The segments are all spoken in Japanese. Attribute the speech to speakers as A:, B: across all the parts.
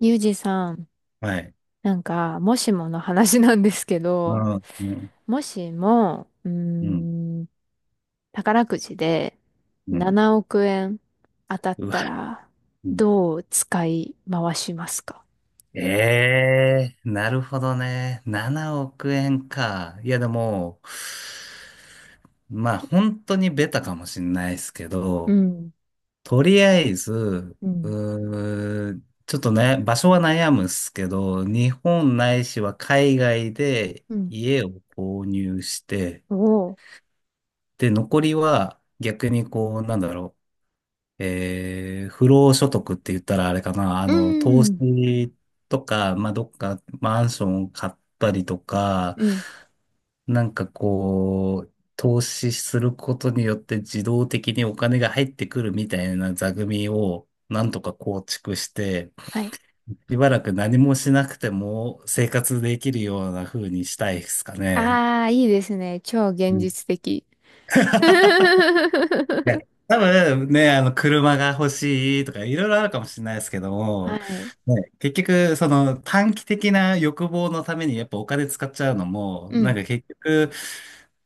A: ゆうじさん、
B: はい。
A: なんか、もしもの話なんですけ
B: う
A: ど、
B: ん、うん、
A: もしも、
B: うん、
A: ん、宝くじで
B: うん。
A: 7億円当たっ
B: うわ、
A: たら、
B: うん。
A: どう使い回しますか？
B: ええー、なるほどね。7億円か。いや、でも、まあ、本当にベタかもしれないですけ
A: う
B: ど、
A: ん、
B: とりあえず、
A: うん、
B: うーん、ちょっとね、場所は悩むっすけど、日本ないしは海外で
A: うん。
B: 家を購入して、
A: おー、
B: で、残りは逆にこう、なんだろう、不労所得って言ったらあれかな、
A: う
B: 投
A: ん、
B: 資とか、まあ、どっかマンションを買ったりとか、
A: うん。
B: なんかこう、投資することによって自動的にお金が入ってくるみたいな座組をなんとか構築して、
A: はい。
B: しばらく何もしなくても生活できるような風にしたいですかね。
A: ああ、いいですね。超現
B: うん
A: 実的。
B: いや、多分ね、車が欲しいとか、いろいろあるかもしれないですけど
A: は
B: も、
A: い。
B: ね、結局、その短期的な欲望のためにやっぱお金使っちゃうのも、
A: う
B: なん
A: ん、
B: か結局、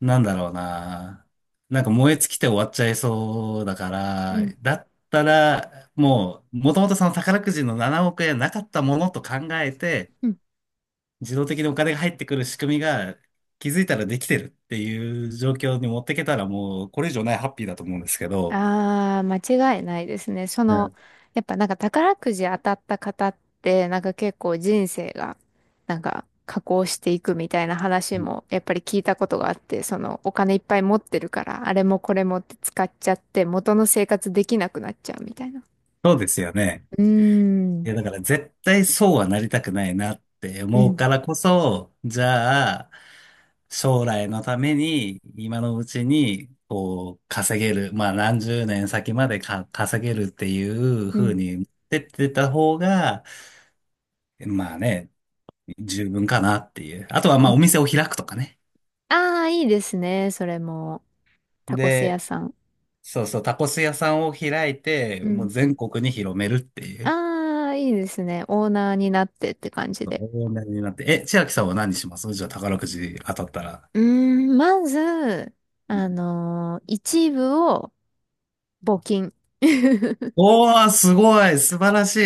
B: なんだろうな、なんか燃え尽きて終わっちゃいそうだか
A: う
B: ら、
A: ん、
B: だったら、もう、もともとその宝くじの7億円なかったものと考えて、
A: うん。
B: 自動的にお金が入ってくる仕組みが、気づいたらできてるっていう状況に持ってけたらもうこれ以上ないハッピーだと思うんですけど。
A: ああ、間違いないですね。そ
B: う
A: の、
B: ん、
A: やっぱなんか宝くじ当たった方って、なんか結構人生が、なんか加工していくみたいな話も、やっぱり聞いたことがあって、そのお金いっぱい持ってるから、あれもこれもって使っちゃって、元の生活できなくなっちゃうみたいな。
B: そうですよね。
A: うー
B: い
A: ん、
B: や、だから絶対そうはなりたくないなって
A: う
B: 思う
A: ん、
B: からこそ、じゃあ、将来のために、今のうちに、こう、稼げる、まあ何十年先までか稼げるっていう
A: う
B: 風
A: ん、
B: に持ってってた方が、まあね、十分かなっていう。あとは
A: う
B: まあお
A: ん。
B: 店を開くとかね。
A: ああ、いいですね。それも、タコス屋
B: で、
A: さん。
B: そうそう、タコス屋さんを開いて、
A: う
B: もう
A: ん。
B: 全国に広めるっていう。
A: ああ、いいですね。オーナーになってって感じ
B: 大
A: で。
B: 台になって。え、千秋さんは何しますじゃあ宝くじ当たったら？
A: うーん、まず、
B: うん。
A: 一部を募金。
B: おー、すごい、素晴らし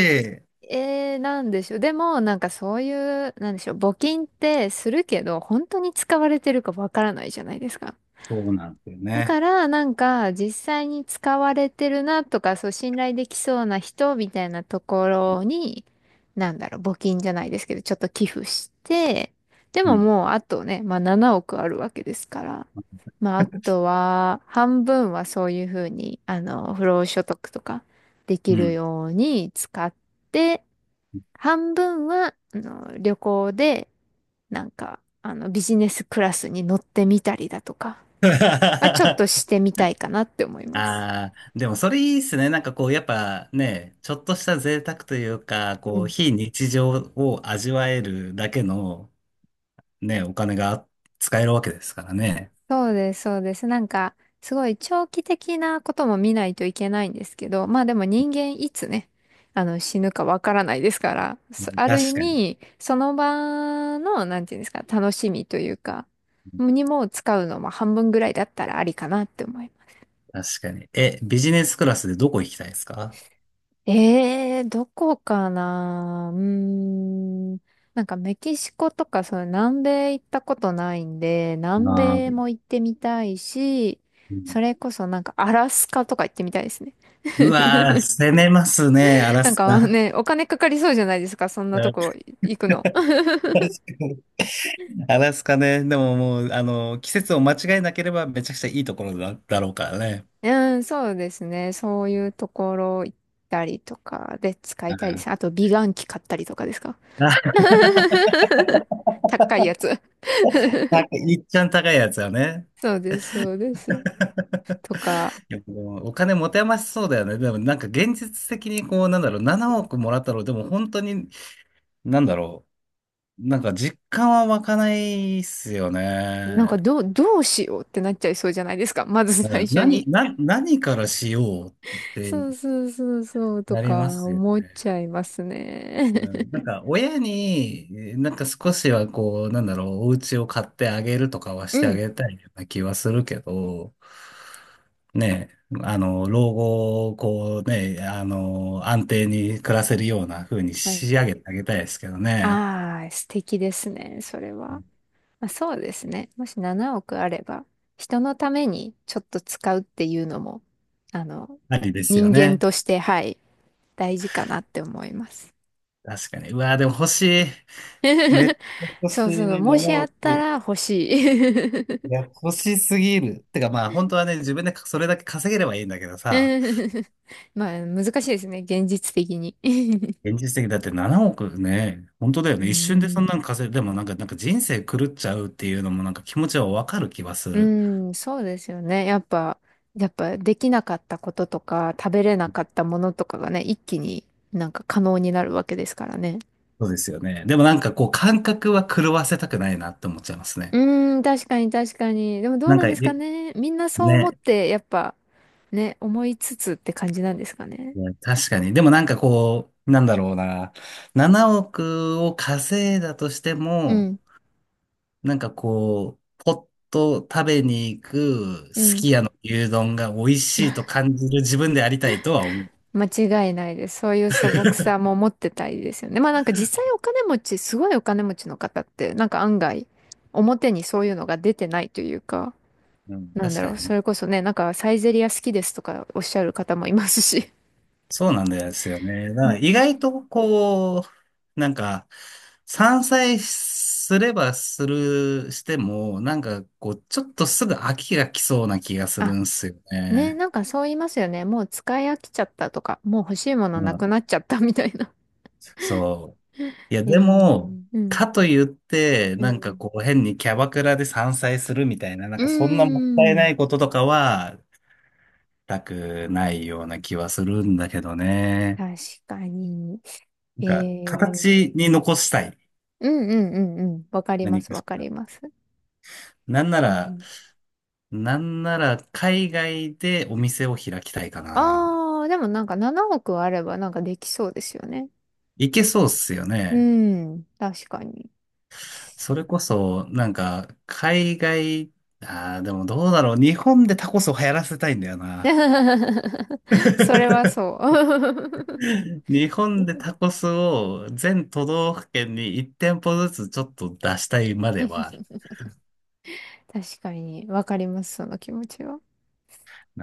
B: い。
A: なんでしょう。でも、なんかそういう、なんでしょう。募金ってするけど、本当に使われてるかわからないじゃないですか。
B: そうなんですよ
A: だか
B: ね。
A: ら、なんか、実際に使われてるなとか、そう、信頼できそうな人みたいなところに、なんだろう、募金じゃないですけど、ちょっと寄付して、で
B: う
A: も
B: ん。
A: もう、あとね、まあ、7億あるわけですから、まあ、あとは、半分はそういうふうに、不労所得とか、でき
B: う
A: る
B: ん。
A: ように使って、半分は、旅行で、なんか、ビジネスクラスに乗ってみたりだとか、まあ、ちょっとして みたいかなって思います。
B: ああ、でもそれいいっすね。なんかこう、やっぱね、ちょっとした贅沢というか、
A: う
B: こう、
A: ん。
B: 非日常を味わえるだけのね、お金が使えるわけですからね。
A: そうです、そうです。なんか、すごい長期的なことも見ないといけないんですけど、まあでも人間いつね、死ぬかわからないですから、
B: う
A: そ
B: ん、
A: ある意
B: 確かに。
A: 味、その場の、なんていうんですか、楽しみというか、にも使うのも半分ぐらいだったらありかなって思います。
B: 確かに。え、ビジネスクラスでどこ行きたいですか？
A: ええ、どこかな。うーん。なんかメキシコとか、そう、南米行ったことないんで、南
B: ああ
A: 米
B: ー、
A: も行ってみたいし、それこそなんかアラスカとか行ってみたいですね。
B: うわー、攻めますね、アラ
A: なん
B: ス
A: か
B: カ。
A: ね、お金かかりそうじゃないですか、そんな
B: う
A: と
B: ん、
A: こ行くの。
B: 確かに。アラスカね。でももう、季節を間違えなければめちゃくちゃいいところだろうからね。
A: うん、そうですね。そういうところ行ったりとかで使いたいです。あ と、美顔器買ったりとかですか？
B: うん。あ、
A: 高いやつ。
B: 高いいっちゃん高いやつはね。
A: そうです、そうです。とか、
B: いやでもお金持て余しそうだよね。でもなんか現実的にこう、なんだろう、7億もらったら、でも本当に、なんだろう、なんか実感は湧かないっすよ
A: なんか
B: ね。
A: どうしようってなっちゃいそうじゃないですか。まず
B: う
A: 最
B: ん、
A: 初に。
B: 何からしようっ て
A: そうそうそうそうと
B: なり
A: か
B: ますよね。
A: 思っちゃいます
B: う
A: ね。
B: ん、なん か、親に、なんか少しはこう、なんだろう、お家を買ってあげるとかは
A: う
B: してあ
A: ん。
B: げたいような気はするけど、ねえ、老後をこうね、安定に暮らせるような風に
A: はい。
B: 仕上げてあげたいですけどね。
A: ああ、素敵ですね、それは。まあ、そうですね。もし7億あれば、人のためにちょっと使うっていうのも、あの、
B: ありですよ
A: 人間
B: ね。
A: として、はい、大事かなって思います。
B: 確かに。うわーでも欲しい。めっち ゃ欲し
A: そうそう、
B: い。
A: もし
B: 7
A: あっ
B: 億。
A: た
B: い
A: ら欲しい。
B: や、欲しすぎる。てかまあ、本当はね、自分でそれだけ稼げればいいんだけどさ。
A: うん。 まあ、難しいですね。現実的に。
B: 現実的だって7億ね、本当だよ
A: う
B: ね。一瞬でそ
A: ん、
B: んなのでもなんか、なんか人生狂っちゃうっていうのもなんか気持ちはわかる気はす
A: う
B: る。
A: ん、そうですよね。やっぱできなかったこととか、食べれなかったものとかがね、一気になんか可能になるわけですからね。
B: そうですよね。でもなんかこう感覚は狂わせたくないなって思っちゃいますね。
A: うん、確かに確かに。でもどう
B: なん
A: なん
B: か、
A: ですかね。みんなそう思っ
B: ね、
A: て、やっぱ、ね、思いつつって感じなんですかね。
B: 確かに。でもなんかこう、なんだろうな。7億を稼いだとして
A: う
B: も、
A: ん、
B: なんかこう、ポッと食べに行く
A: う
B: す
A: ん。
B: き家の牛丼が美味しいと感じる自分でありたいとは思う。
A: 間違いないです。そういう素朴さも持ってたいですよね。まあなんか実際お金持ち、すごいお金持ちの方って、なんか案外、表にそういうのが出てないというか、
B: うん、
A: なん
B: 確
A: だ
B: か
A: ろう、
B: にね。
A: それこそね、なんかサイゼリア好きですとかおっしゃる方もいますし。
B: そうなんですよね。だ
A: う
B: から意
A: ん。
B: 外とこう、なんか、散菜すればする、しても、なんかこう、ちょっとすぐ飽きが来そうな気がする
A: あ、
B: んですよ
A: ね、
B: ね。
A: なんかそう言いますよね。もう使い飽きちゃったとか、もう欲しいもの
B: う
A: な
B: ん。
A: くなっちゃったみたいな。
B: そう。いや、でも、
A: うん。
B: かといって、
A: う
B: なんか
A: ん。
B: こう、変にキャバクラで散菜するみたいな、なん
A: うー
B: かそんなもったいな
A: ん。
B: いこととかは、したくないような気はするんだけどね。
A: 確かに。
B: なん
A: え
B: か、
A: ー、
B: 形に残したい。
A: うんうんうんうん。わかりま
B: 何
A: す、
B: か
A: わ
B: し
A: か
B: ら。
A: ります。
B: なんな
A: う
B: ら、
A: ん。
B: なんなら海外でお店を開きたいかな。
A: ああー、でもなんか7億あればなんかできそうですよね。
B: いけそうっすよ
A: う
B: ね。
A: ん、確かに。
B: それこそ、なんか、海外、ああ、でもどうだろう。日本でタコスを流行らせたいんだよな。
A: それは そう。
B: 日本でタコスを全都道府県に1店舗ずつちょっと出したいまではある。
A: 確かに、わかります、その気持ちは。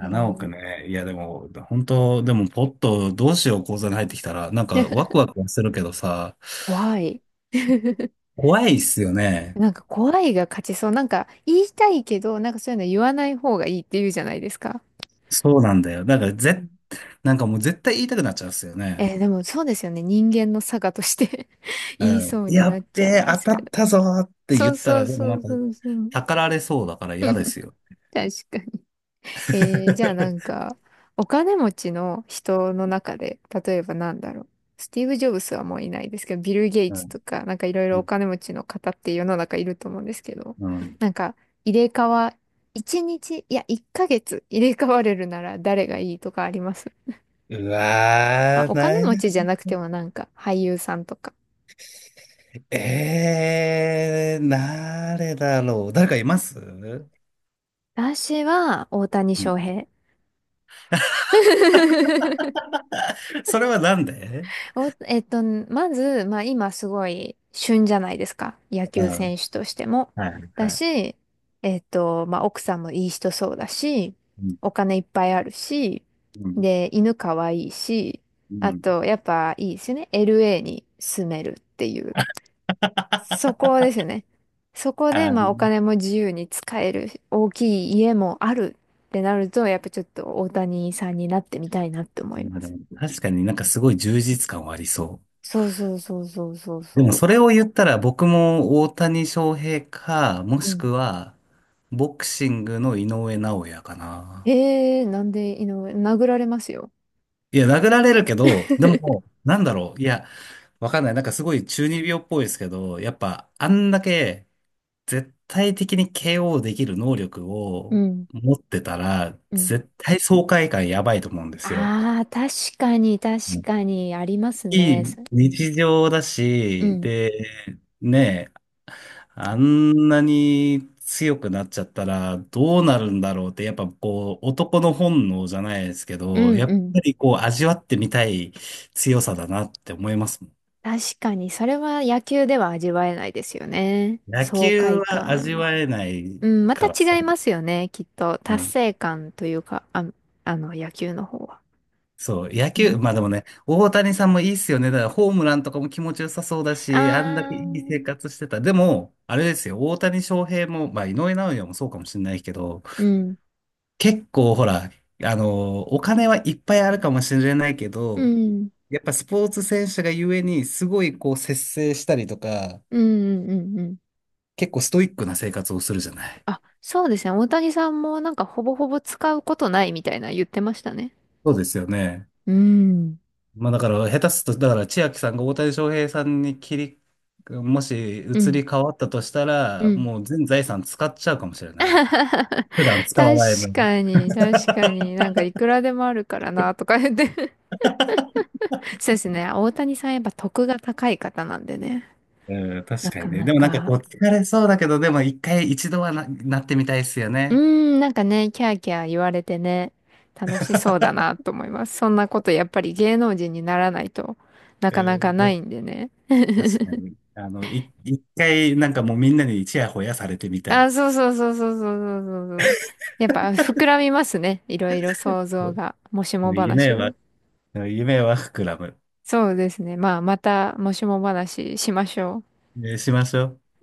A: え
B: 億
A: ー、
B: ね。いやでも、本当でもポッとどうしよう、口座に入ってきたら、なんかワ クワクはするけどさ、
A: 怖い。
B: 怖いっすよね。
A: なんか怖いが勝ちそう。なんか言いたいけど、なんかそういうの言わない方がいいって言うじゃないですか。
B: そうなんだよ。なんから
A: う
B: 絶
A: ん。
B: なんかもう絶対言いたくなっちゃうんですよね。
A: でもそうですよね。人間の差がとして、 言い
B: うん。
A: そうに
B: や
A: な
B: っ
A: っ
B: べ
A: ちゃい
B: え、
A: ま
B: 当
A: す
B: た
A: け
B: っ
A: ど。
B: たぞーって言
A: そ
B: っ
A: う
B: た
A: そ
B: ら、
A: う
B: でも
A: そ
B: なん
A: う
B: か、
A: そうそう。
B: たかられそうだから嫌ですよ。
A: 確かに。じゃあなん か、お金持ちの人の中で、例えばなんだろう。スティーブ・ジョブスはもういないですけど、ビル・ゲイ
B: う
A: ツ
B: ん。
A: とか、なんかいろい
B: う
A: ろお
B: ん。
A: 金持ちの方って世の中いると思うんですけど、
B: うん。
A: なんか入れ替わ、1日、いや、1ヶ月入れ替われるなら誰がいいとかあります
B: う
A: まあ、
B: わ
A: お
B: ー、
A: 金
B: ない、
A: 持ちじゃなくてもなんか俳優さんとか。
B: 誰だろう。誰かいます？うん。
A: 私は大谷翔平。
B: それはなんで？
A: お、まず、まあ今すごい旬じゃないですか。野
B: う
A: 球
B: ん。
A: 選手としても。
B: はい
A: だ
B: はい。
A: し、まあ奥さんもいい人そうだし、
B: うん。
A: お金いっぱいあるし、
B: うん。
A: で、犬かわいいし、
B: う
A: あ
B: ん
A: と、やっぱいいですよね。LA に住めるっていう。そこ ですよね。そこで、
B: あ
A: まあお
B: ー、なる
A: 金も自由に使える、大きい家もあるってなると、やっぱちょっと大谷さんになってみたいなって思いま
B: ほど。
A: す。
B: 確かになんかすごい充実感はありそう。
A: そうそうそうそうそう
B: でも
A: そ
B: それを言ったら僕も大谷翔平か、もし
A: う。
B: くはボクシングの井上尚弥かな。
A: ええーなんで井上、殴られますよ。
B: いや、殴られるけど、でも、なんだろう。いや、わかんない。なんかすごい中二病っぽいですけど、やっぱあんだけ絶対的に KO できる能力
A: う
B: を
A: ん、
B: 持ってたら、
A: うん。
B: 絶対爽快感やばいと思うんですよ。
A: ああ、確かに、確
B: うん、
A: かに、あります
B: い
A: ね。
B: い
A: そ
B: 日常だ
A: う
B: し、
A: ん、
B: で、ねえ、あんなに強くなっちゃったらどうなるんだろうって、やっぱこう、男の本能じゃないですけ
A: う
B: ど、や
A: ん、
B: っ
A: うん。
B: ぱりこう、味わってみたい強さだなって思いますもん。
A: 確かに、それは野球では味わえないですよね。
B: 野
A: 爽
B: 球
A: 快
B: は味
A: 感。
B: わえない
A: うん、また
B: からさ。
A: 違いますよね、きっと。
B: う
A: 達
B: ん。
A: 成感というか、あ、野球の方は。
B: そう、野
A: う
B: 球、
A: ん。
B: まあでもね、大谷さんもいいっすよね。だからホームランとかも気持ちよさそうだし、あんだ
A: あ
B: け
A: あ、う
B: いい生
A: ん、
B: 活してた。でも、あれですよ、大谷翔平も、まあ井上尚弥もそうかもしれないけど、
A: うん、
B: 結構ほら、お金はいっぱいあるかもしれないけ
A: う
B: ど、
A: ん、
B: やっぱスポーツ選手がゆえに、すごいこう節制したりとか、
A: うん、うん、うん。
B: 結構ストイックな生活をするじゃない。
A: あ、そうですね。大谷さんもなんかほぼほぼ使うことないみたいな言ってましたね。
B: そうですよね。
A: うん。
B: まあだから、下手すると、だから千秋さんが大谷翔平さんにもし
A: う
B: 移
A: ん。
B: り変わったとした
A: う
B: ら、
A: ん。
B: もう全財産使っちゃうかもしれ ない。
A: 確
B: 普段使わない分。
A: かに、確かに。なんかいくらでもあるからな、とか言って。そうですね。大谷さんやっぱ得が高い方なんでね。
B: うん、確
A: な
B: か
A: か
B: にね。
A: な
B: でもなんか
A: か。
B: こう疲れそうだけど、でも一回一度はなってみたいですよ
A: うー
B: ね。
A: ん、なんかね、キャーキャー言われてね、楽しそうだなと思います。そんなことやっぱり芸能人にならないとな
B: う
A: かなか
B: ん、
A: ないんでね。
B: 確かに。一回、なんかもうみんなにちやほやされてみたい。
A: あ、そうそうそうそうそうそうそうそう。やっぱ膨らみますね。いろいろ想像
B: そ
A: が。もしも
B: う、夢
A: 話
B: は、
A: は。
B: 夢は膨らむ。
A: そうですね。まあ、またもしも話しましょう。
B: しましょう。